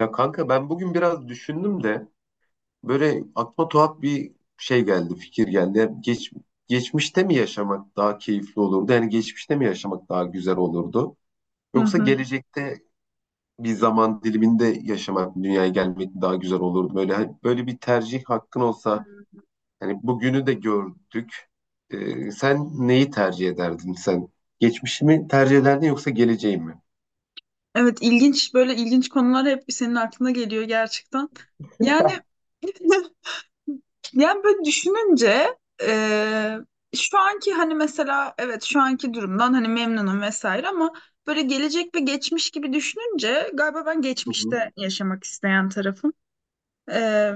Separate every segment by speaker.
Speaker 1: Ya kanka ben bugün biraz düşündüm de böyle aklıma tuhaf bir şey geldi, fikir geldi. Geçmişte mi yaşamak daha keyifli olurdu? Yani geçmişte mi yaşamak daha güzel olurdu?
Speaker 2: Hı
Speaker 1: Yoksa
Speaker 2: hı.
Speaker 1: gelecekte bir zaman diliminde yaşamak, dünyaya gelmek daha güzel olurdu? Böyle hani böyle bir tercih hakkın olsa, hani bugünü de gördük. Sen neyi tercih ederdin sen? Geçmişi mi tercih ederdin yoksa geleceği mi?
Speaker 2: Evet, ilginç, böyle ilginç konular hep senin aklına geliyor gerçekten. Yani yani böyle düşününce şu anki hani mesela evet şu anki durumdan hani memnunum vesaire ama böyle gelecek ve geçmiş gibi düşününce galiba ben
Speaker 1: Hı hı.
Speaker 2: geçmişte yaşamak isteyen tarafım. E,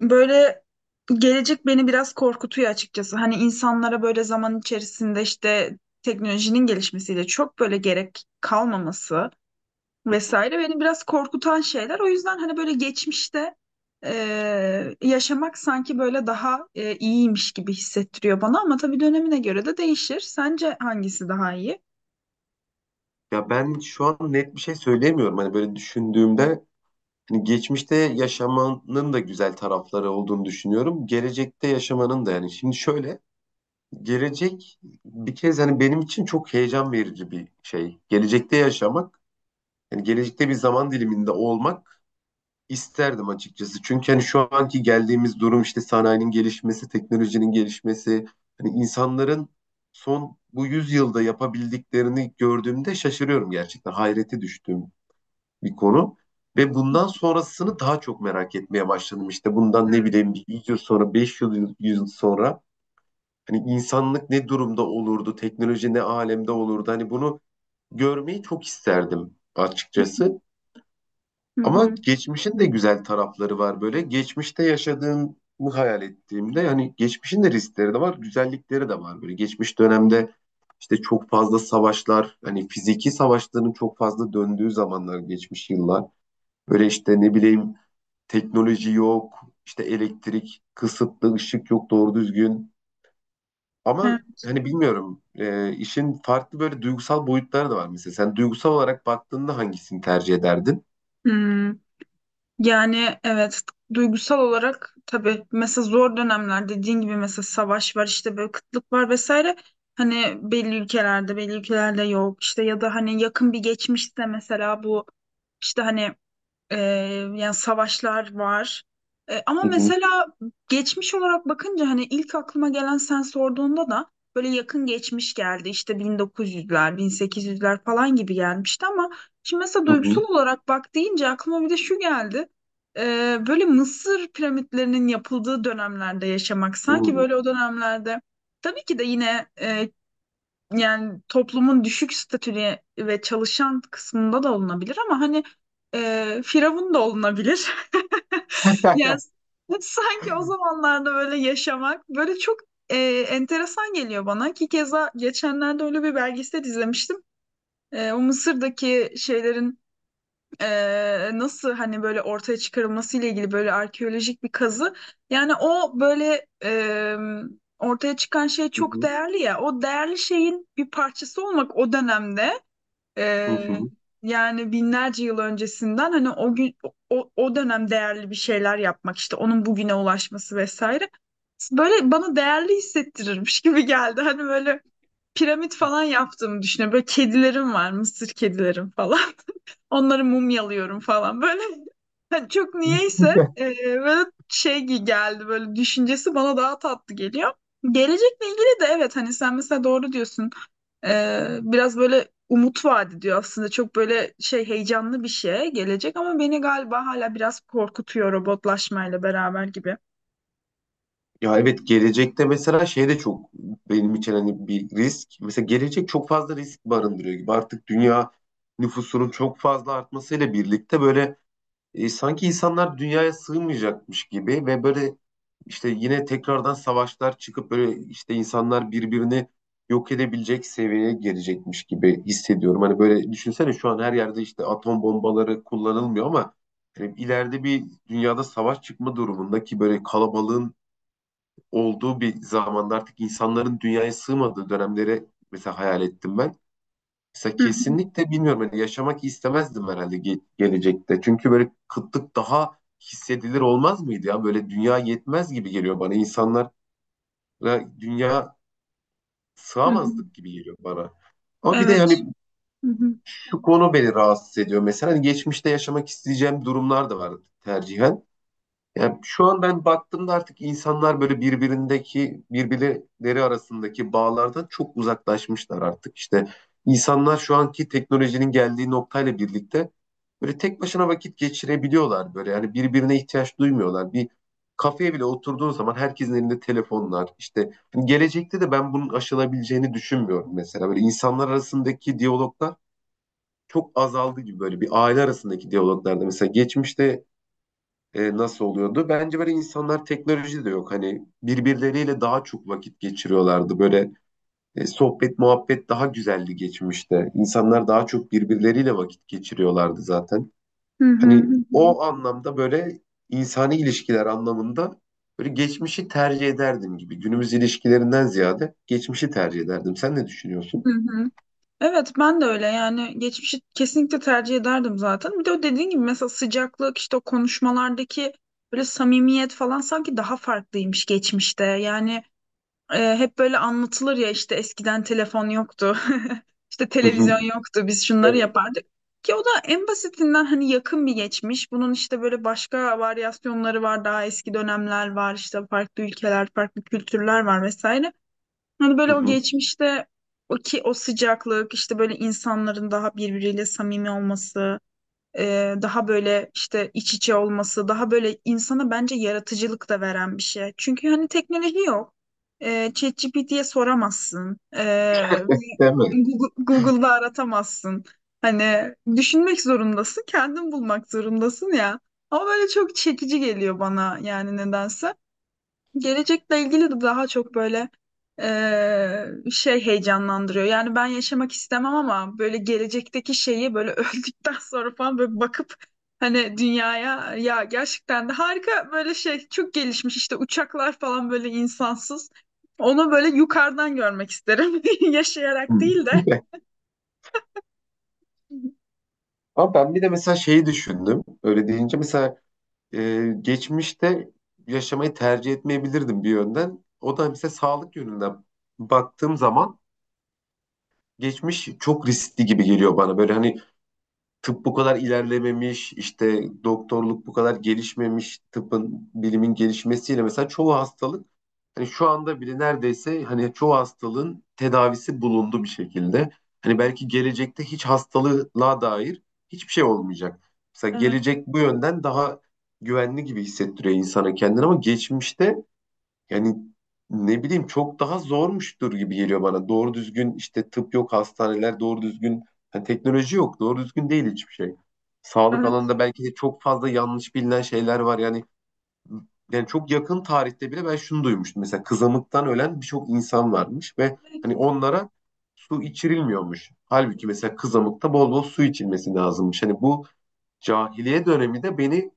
Speaker 2: Böyle gelecek beni biraz korkutuyor açıkçası. Hani insanlara böyle zaman içerisinde işte teknolojinin gelişmesiyle çok böyle gerek kalmaması vesaire beni biraz korkutan şeyler. O yüzden hani böyle geçmişte yaşamak sanki böyle daha iyiymiş gibi hissettiriyor bana ama tabii dönemine göre de değişir. Sence hangisi daha iyi?
Speaker 1: Ya ben şu an net bir şey söyleyemiyorum. Hani böyle düşündüğümde şimdi geçmişte yaşamanın da güzel tarafları olduğunu düşünüyorum. Gelecekte yaşamanın da yani. Şimdi şöyle, gelecek bir kez hani benim için çok heyecan verici bir şey. Gelecekte yaşamak, yani gelecekte bir zaman diliminde olmak isterdim açıkçası. Çünkü hani şu anki geldiğimiz durum işte sanayinin gelişmesi, teknolojinin gelişmesi, hani insanların son bu yüzyılda yapabildiklerini gördüğümde şaşırıyorum gerçekten. Hayrete düştüm bir konu. Ve bundan sonrasını daha çok merak etmeye başladım. İşte bundan ne
Speaker 2: Hmm.
Speaker 1: bileyim bir 100 yıl sonra, 5 yıl, 100 yıl sonra hani insanlık ne durumda olurdu, teknoloji ne alemde olurdu. Hani bunu görmeyi çok isterdim açıkçası.
Speaker 2: Hı
Speaker 1: Ama
Speaker 2: hı.
Speaker 1: geçmişin de güzel tarafları var böyle. Geçmişte yaşadığımı hayal ettiğimde hani geçmişin de riskleri de var, güzellikleri de var böyle. Geçmiş dönemde işte çok fazla savaşlar, hani fiziki savaşların çok fazla döndüğü zamanlar geçmiş yıllar. Böyle işte ne bileyim teknoloji yok, işte elektrik kısıtlı, ışık yok doğru düzgün. Ama
Speaker 2: Evet.
Speaker 1: hani bilmiyorum işin farklı böyle duygusal boyutları da var mesela. Sen duygusal olarak baktığında hangisini tercih ederdin?
Speaker 2: Hmm. Yani evet, duygusal olarak tabii mesela zor dönemler dediğin gibi, mesela savaş var, işte böyle kıtlık var vesaire, hani belli ülkelerde belli ülkelerde yok işte, ya da hani yakın bir geçmişte mesela bu işte hani ee, yani savaşlar var. Ama
Speaker 1: Hı hı,
Speaker 2: mesela geçmiş olarak bakınca hani ilk aklıma gelen, sen sorduğunda da böyle yakın geçmiş geldi. İşte 1900'ler, 1800'ler falan gibi gelmişti ama şimdi mesela
Speaker 1: hı
Speaker 2: duygusal
Speaker 1: hı,
Speaker 2: olarak bak deyince aklıma bir de şu geldi. Böyle Mısır piramitlerinin yapıldığı dönemlerde yaşamak, sanki
Speaker 1: hı
Speaker 2: böyle o dönemlerde tabii ki de yine yani toplumun düşük statülü ve çalışan kısmında da olunabilir ama hani firavun da olunabilir. Yani sanki o zamanlarda böyle yaşamak böyle çok e, enteresan geliyor bana ki keza geçenlerde öyle bir belgesel izlemiştim. O Mısır'daki şeylerin nasıl hani böyle ortaya çıkarılması ile ilgili böyle arkeolojik bir kazı. Yani o böyle ortaya çıkan şey çok
Speaker 1: hı,
Speaker 2: değerli ya. O değerli şeyin bir parçası olmak, o dönemde
Speaker 1: hı
Speaker 2: e,
Speaker 1: hı.
Speaker 2: yani binlerce yıl öncesinden hani o gün o dönem değerli bir şeyler yapmak, işte onun bugüne ulaşması vesaire. Böyle bana değerli hissettirirmiş gibi geldi. Hani böyle piramit falan yaptığımı düşünüyorum. Böyle kedilerim var, mısır kedilerim falan. Onları mumyalıyorum falan. Böyle hani çok niyeyse böyle geldi, böyle düşüncesi bana daha tatlı geliyor. Gelecekle ilgili de evet hani sen mesela doğru diyorsun. Biraz böyle umut vaat ediyor aslında. Çok böyle şey, heyecanlı bir şey gelecek ama beni galiba hala biraz korkutuyor, robotlaşmayla beraber gibi.
Speaker 1: Ya evet gelecekte mesela şey de çok benim için hani bir risk. Mesela gelecek çok fazla risk barındırıyor gibi. Artık dünya nüfusunun çok fazla artmasıyla birlikte böyle sanki insanlar dünyaya sığmayacakmış gibi ve böyle işte yine tekrardan savaşlar çıkıp böyle işte insanlar birbirini yok edebilecek seviyeye gelecekmiş gibi hissediyorum. Hani böyle düşünsene şu an her yerde işte atom bombaları kullanılmıyor ama hani ileride bir dünyada savaş çıkma durumunda ki böyle kalabalığın olduğu bir zamanda artık insanların dünyaya sığmadığı dönemleri mesela hayal ettim ben. Mesela
Speaker 2: Hı hı,
Speaker 1: kesinlikle bilmiyorum hani yaşamak istemezdim herhalde gelecekte. Çünkü böyle kıtlık daha hissedilir olmaz mıydı ya? Böyle dünya yetmez gibi geliyor bana. İnsanlara dünya
Speaker 2: hı hı.
Speaker 1: sığamazdık gibi geliyor bana. Ama bir de
Speaker 2: Evet.
Speaker 1: yani
Speaker 2: Hı hı,
Speaker 1: şu konu beni rahatsız ediyor. Mesela hani geçmişte yaşamak isteyeceğim durumlar da var tercihen. Yani şu an ben baktığımda artık insanlar böyle birbirleri arasındaki bağlardan çok uzaklaşmışlar artık. İşte insanlar şu anki teknolojinin geldiği noktayla birlikte böyle tek başına vakit geçirebiliyorlar böyle. Yani birbirine ihtiyaç duymuyorlar. Bir kafeye bile oturduğun zaman herkesin elinde telefonlar. İşte hani gelecekte de ben bunun aşılabileceğini düşünmüyorum mesela. Böyle insanlar arasındaki diyaloglar çok azaldı gibi böyle bir aile arasındaki diyaloglarda mesela geçmişte nasıl oluyordu? Bence böyle insanlar teknoloji de yok. Hani birbirleriyle daha çok vakit geçiriyorlardı. Böyle sohbet muhabbet daha güzeldi geçmişte. İnsanlar daha çok birbirleriyle vakit geçiriyorlardı zaten.
Speaker 2: hı hı,
Speaker 1: Hani
Speaker 2: hı hı,
Speaker 1: o anlamda böyle insani ilişkiler anlamında böyle geçmişi tercih ederdim gibi. Günümüz ilişkilerinden ziyade geçmişi tercih ederdim. Sen ne düşünüyorsun?
Speaker 2: hı hı. Evet, ben de öyle yani, geçmişi kesinlikle tercih ederdim zaten. Bir de o dediğin gibi mesela sıcaklık, işte o konuşmalardaki böyle samimiyet falan sanki daha farklıymış geçmişte. Yani hep böyle anlatılır ya, işte eskiden telefon yoktu, işte
Speaker 1: Hı hı.
Speaker 2: televizyon yoktu, biz şunları
Speaker 1: Evet.
Speaker 2: yapardık. Ki o da en basitinden hani yakın bir geçmiş. Bunun işte böyle başka varyasyonları var, daha eski dönemler var, işte farklı ülkeler, farklı kültürler var vesaire. Hani
Speaker 1: Hı
Speaker 2: böyle o
Speaker 1: hı.
Speaker 2: geçmişte o sıcaklık, işte böyle insanların daha birbiriyle samimi olması, daha böyle işte iç içe olması, daha böyle insana bence yaratıcılık da veren bir şey. Çünkü hani teknoloji yok. ChatGPT'ye soramazsın. E, ve
Speaker 1: Değil mi?
Speaker 2: Google'da aratamazsın. Hani düşünmek zorundasın, kendin bulmak zorundasın ya. Ama böyle çok çekici geliyor bana yani nedense. Gelecekle ilgili de daha çok böyle şey heyecanlandırıyor. Yani ben yaşamak istemem ama böyle gelecekteki şeyi böyle öldükten sonra falan böyle bakıp hani dünyaya, ya gerçekten de harika, böyle şey çok gelişmiş, işte uçaklar falan böyle insansız. Onu böyle yukarıdan görmek isterim.
Speaker 1: Hı.
Speaker 2: Yaşayarak değil de.
Speaker 1: Ama ben bir de mesela şeyi düşündüm. Öyle deyince mesela geçmişte yaşamayı tercih etmeyebilirdim bir yönden. O da mesela sağlık yönünden baktığım zaman geçmiş çok riskli gibi geliyor bana. Böyle hani tıp bu kadar ilerlememiş, işte doktorluk bu kadar gelişmemiş, tıpın, bilimin gelişmesiyle mesela çoğu hastalık hani şu anda bile neredeyse hani çoğu hastalığın tedavisi bulundu bir şekilde. Hani belki gelecekte hiç hastalığa dair hiçbir şey olmayacak. Mesela
Speaker 2: Evet,
Speaker 1: gelecek bu yönden daha güvenli gibi hissettiriyor insana kendini ama geçmişte yani ne bileyim çok daha zormuştur gibi geliyor bana. Doğru düzgün işte tıp yok, hastaneler doğru düzgün, yani teknoloji yok, doğru düzgün değil hiçbir şey. Sağlık
Speaker 2: evet.
Speaker 1: alanında belki de çok fazla yanlış bilinen şeyler var. Yani çok yakın tarihte bile ben şunu duymuştum. Mesela kızamıktan ölen birçok insan varmış ve hani onlara su içirilmiyormuş. Halbuki mesela kızamıkta bol bol su içilmesi lazımmış. Hani bu cahiliye dönemi de beni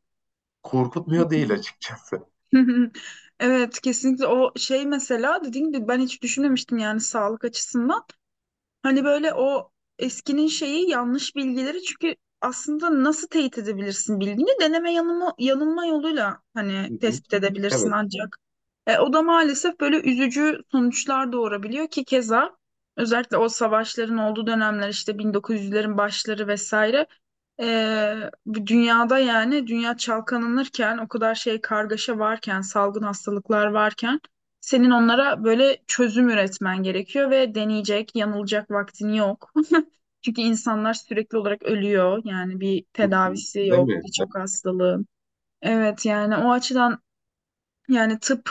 Speaker 1: korkutmuyor değil açıkçası.
Speaker 2: Hı hı. Evet, kesinlikle o şey, mesela dediğim gibi ben hiç düşünmemiştim yani sağlık açısından. Hani böyle o eskinin şeyi, yanlış bilgileri, çünkü aslında nasıl teyit edebilirsin bilgini? Deneme yanılma, yanılma yoluyla hani
Speaker 1: Hı hı.
Speaker 2: tespit edebilirsin
Speaker 1: Evet.
Speaker 2: ancak. O da maalesef böyle üzücü sonuçlar doğurabiliyor ki keza özellikle o savaşların olduğu dönemler, işte 1900'lerin başları vesaire, bu dünyada yani dünya çalkalanırken, o kadar şey kargaşa varken, salgın hastalıklar varken senin onlara böyle çözüm üretmen gerekiyor ve deneyecek yanılacak vaktin yok. Çünkü insanlar sürekli olarak ölüyor, yani bir
Speaker 1: Hı hı.
Speaker 2: tedavisi
Speaker 1: Değil
Speaker 2: yok
Speaker 1: mi?
Speaker 2: birçok hastalığın. Evet, yani o açıdan, yani tıp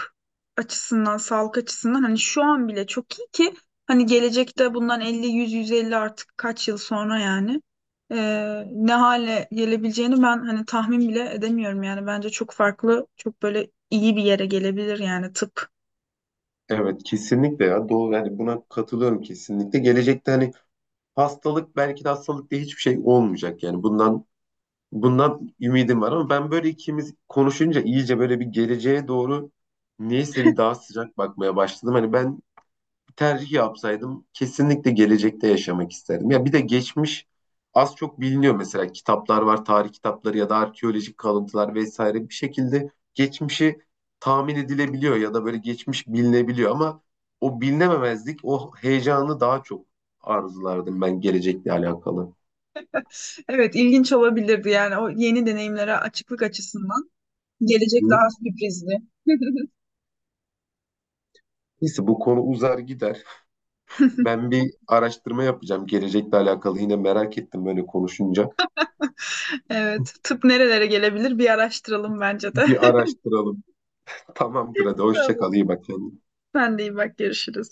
Speaker 2: açısından, sağlık açısından hani şu an bile çok iyi ki hani gelecekte bundan 50, 100, 150 artık kaç yıl sonra yani ne hale gelebileceğini ben hani tahmin bile edemiyorum, yani bence çok farklı, çok böyle iyi bir yere gelebilir yani tıp.
Speaker 1: Evet kesinlikle ya doğru yani buna katılıyorum kesinlikle. Gelecekte hani hastalık belki de hastalık diye hiçbir şey olmayacak yani bundan ümidim var ama ben böyle ikimiz konuşunca iyice böyle bir geleceğe doğru neyse bir daha sıcak bakmaya başladım. Hani ben tercih yapsaydım kesinlikle gelecekte yaşamak isterdim. Ya bir de geçmiş az çok biliniyor mesela kitaplar var, tarih kitapları ya da arkeolojik kalıntılar vesaire bir şekilde geçmişi tahmin edilebiliyor ya da böyle geçmiş bilinebiliyor ama o bilinememezlik, o heyecanı daha çok arzulardım ben gelecekle alakalı.
Speaker 2: Evet, ilginç olabilirdi yani o yeni deneyimlere açıklık açısından. Gelecek
Speaker 1: Hı.
Speaker 2: daha sürprizli.
Speaker 1: Neyse bu konu uzar gider. Ben bir araştırma yapacağım gelecekle alakalı. Yine merak ettim böyle konuşunca.
Speaker 2: Evet, tıp nerelere gelebilir bir araştıralım bence de.
Speaker 1: Bir araştıralım. Tamamdır hadi hoşça kal
Speaker 2: Tamam.
Speaker 1: iyi bak kendine.
Speaker 2: Sen de iyi bak, görüşürüz.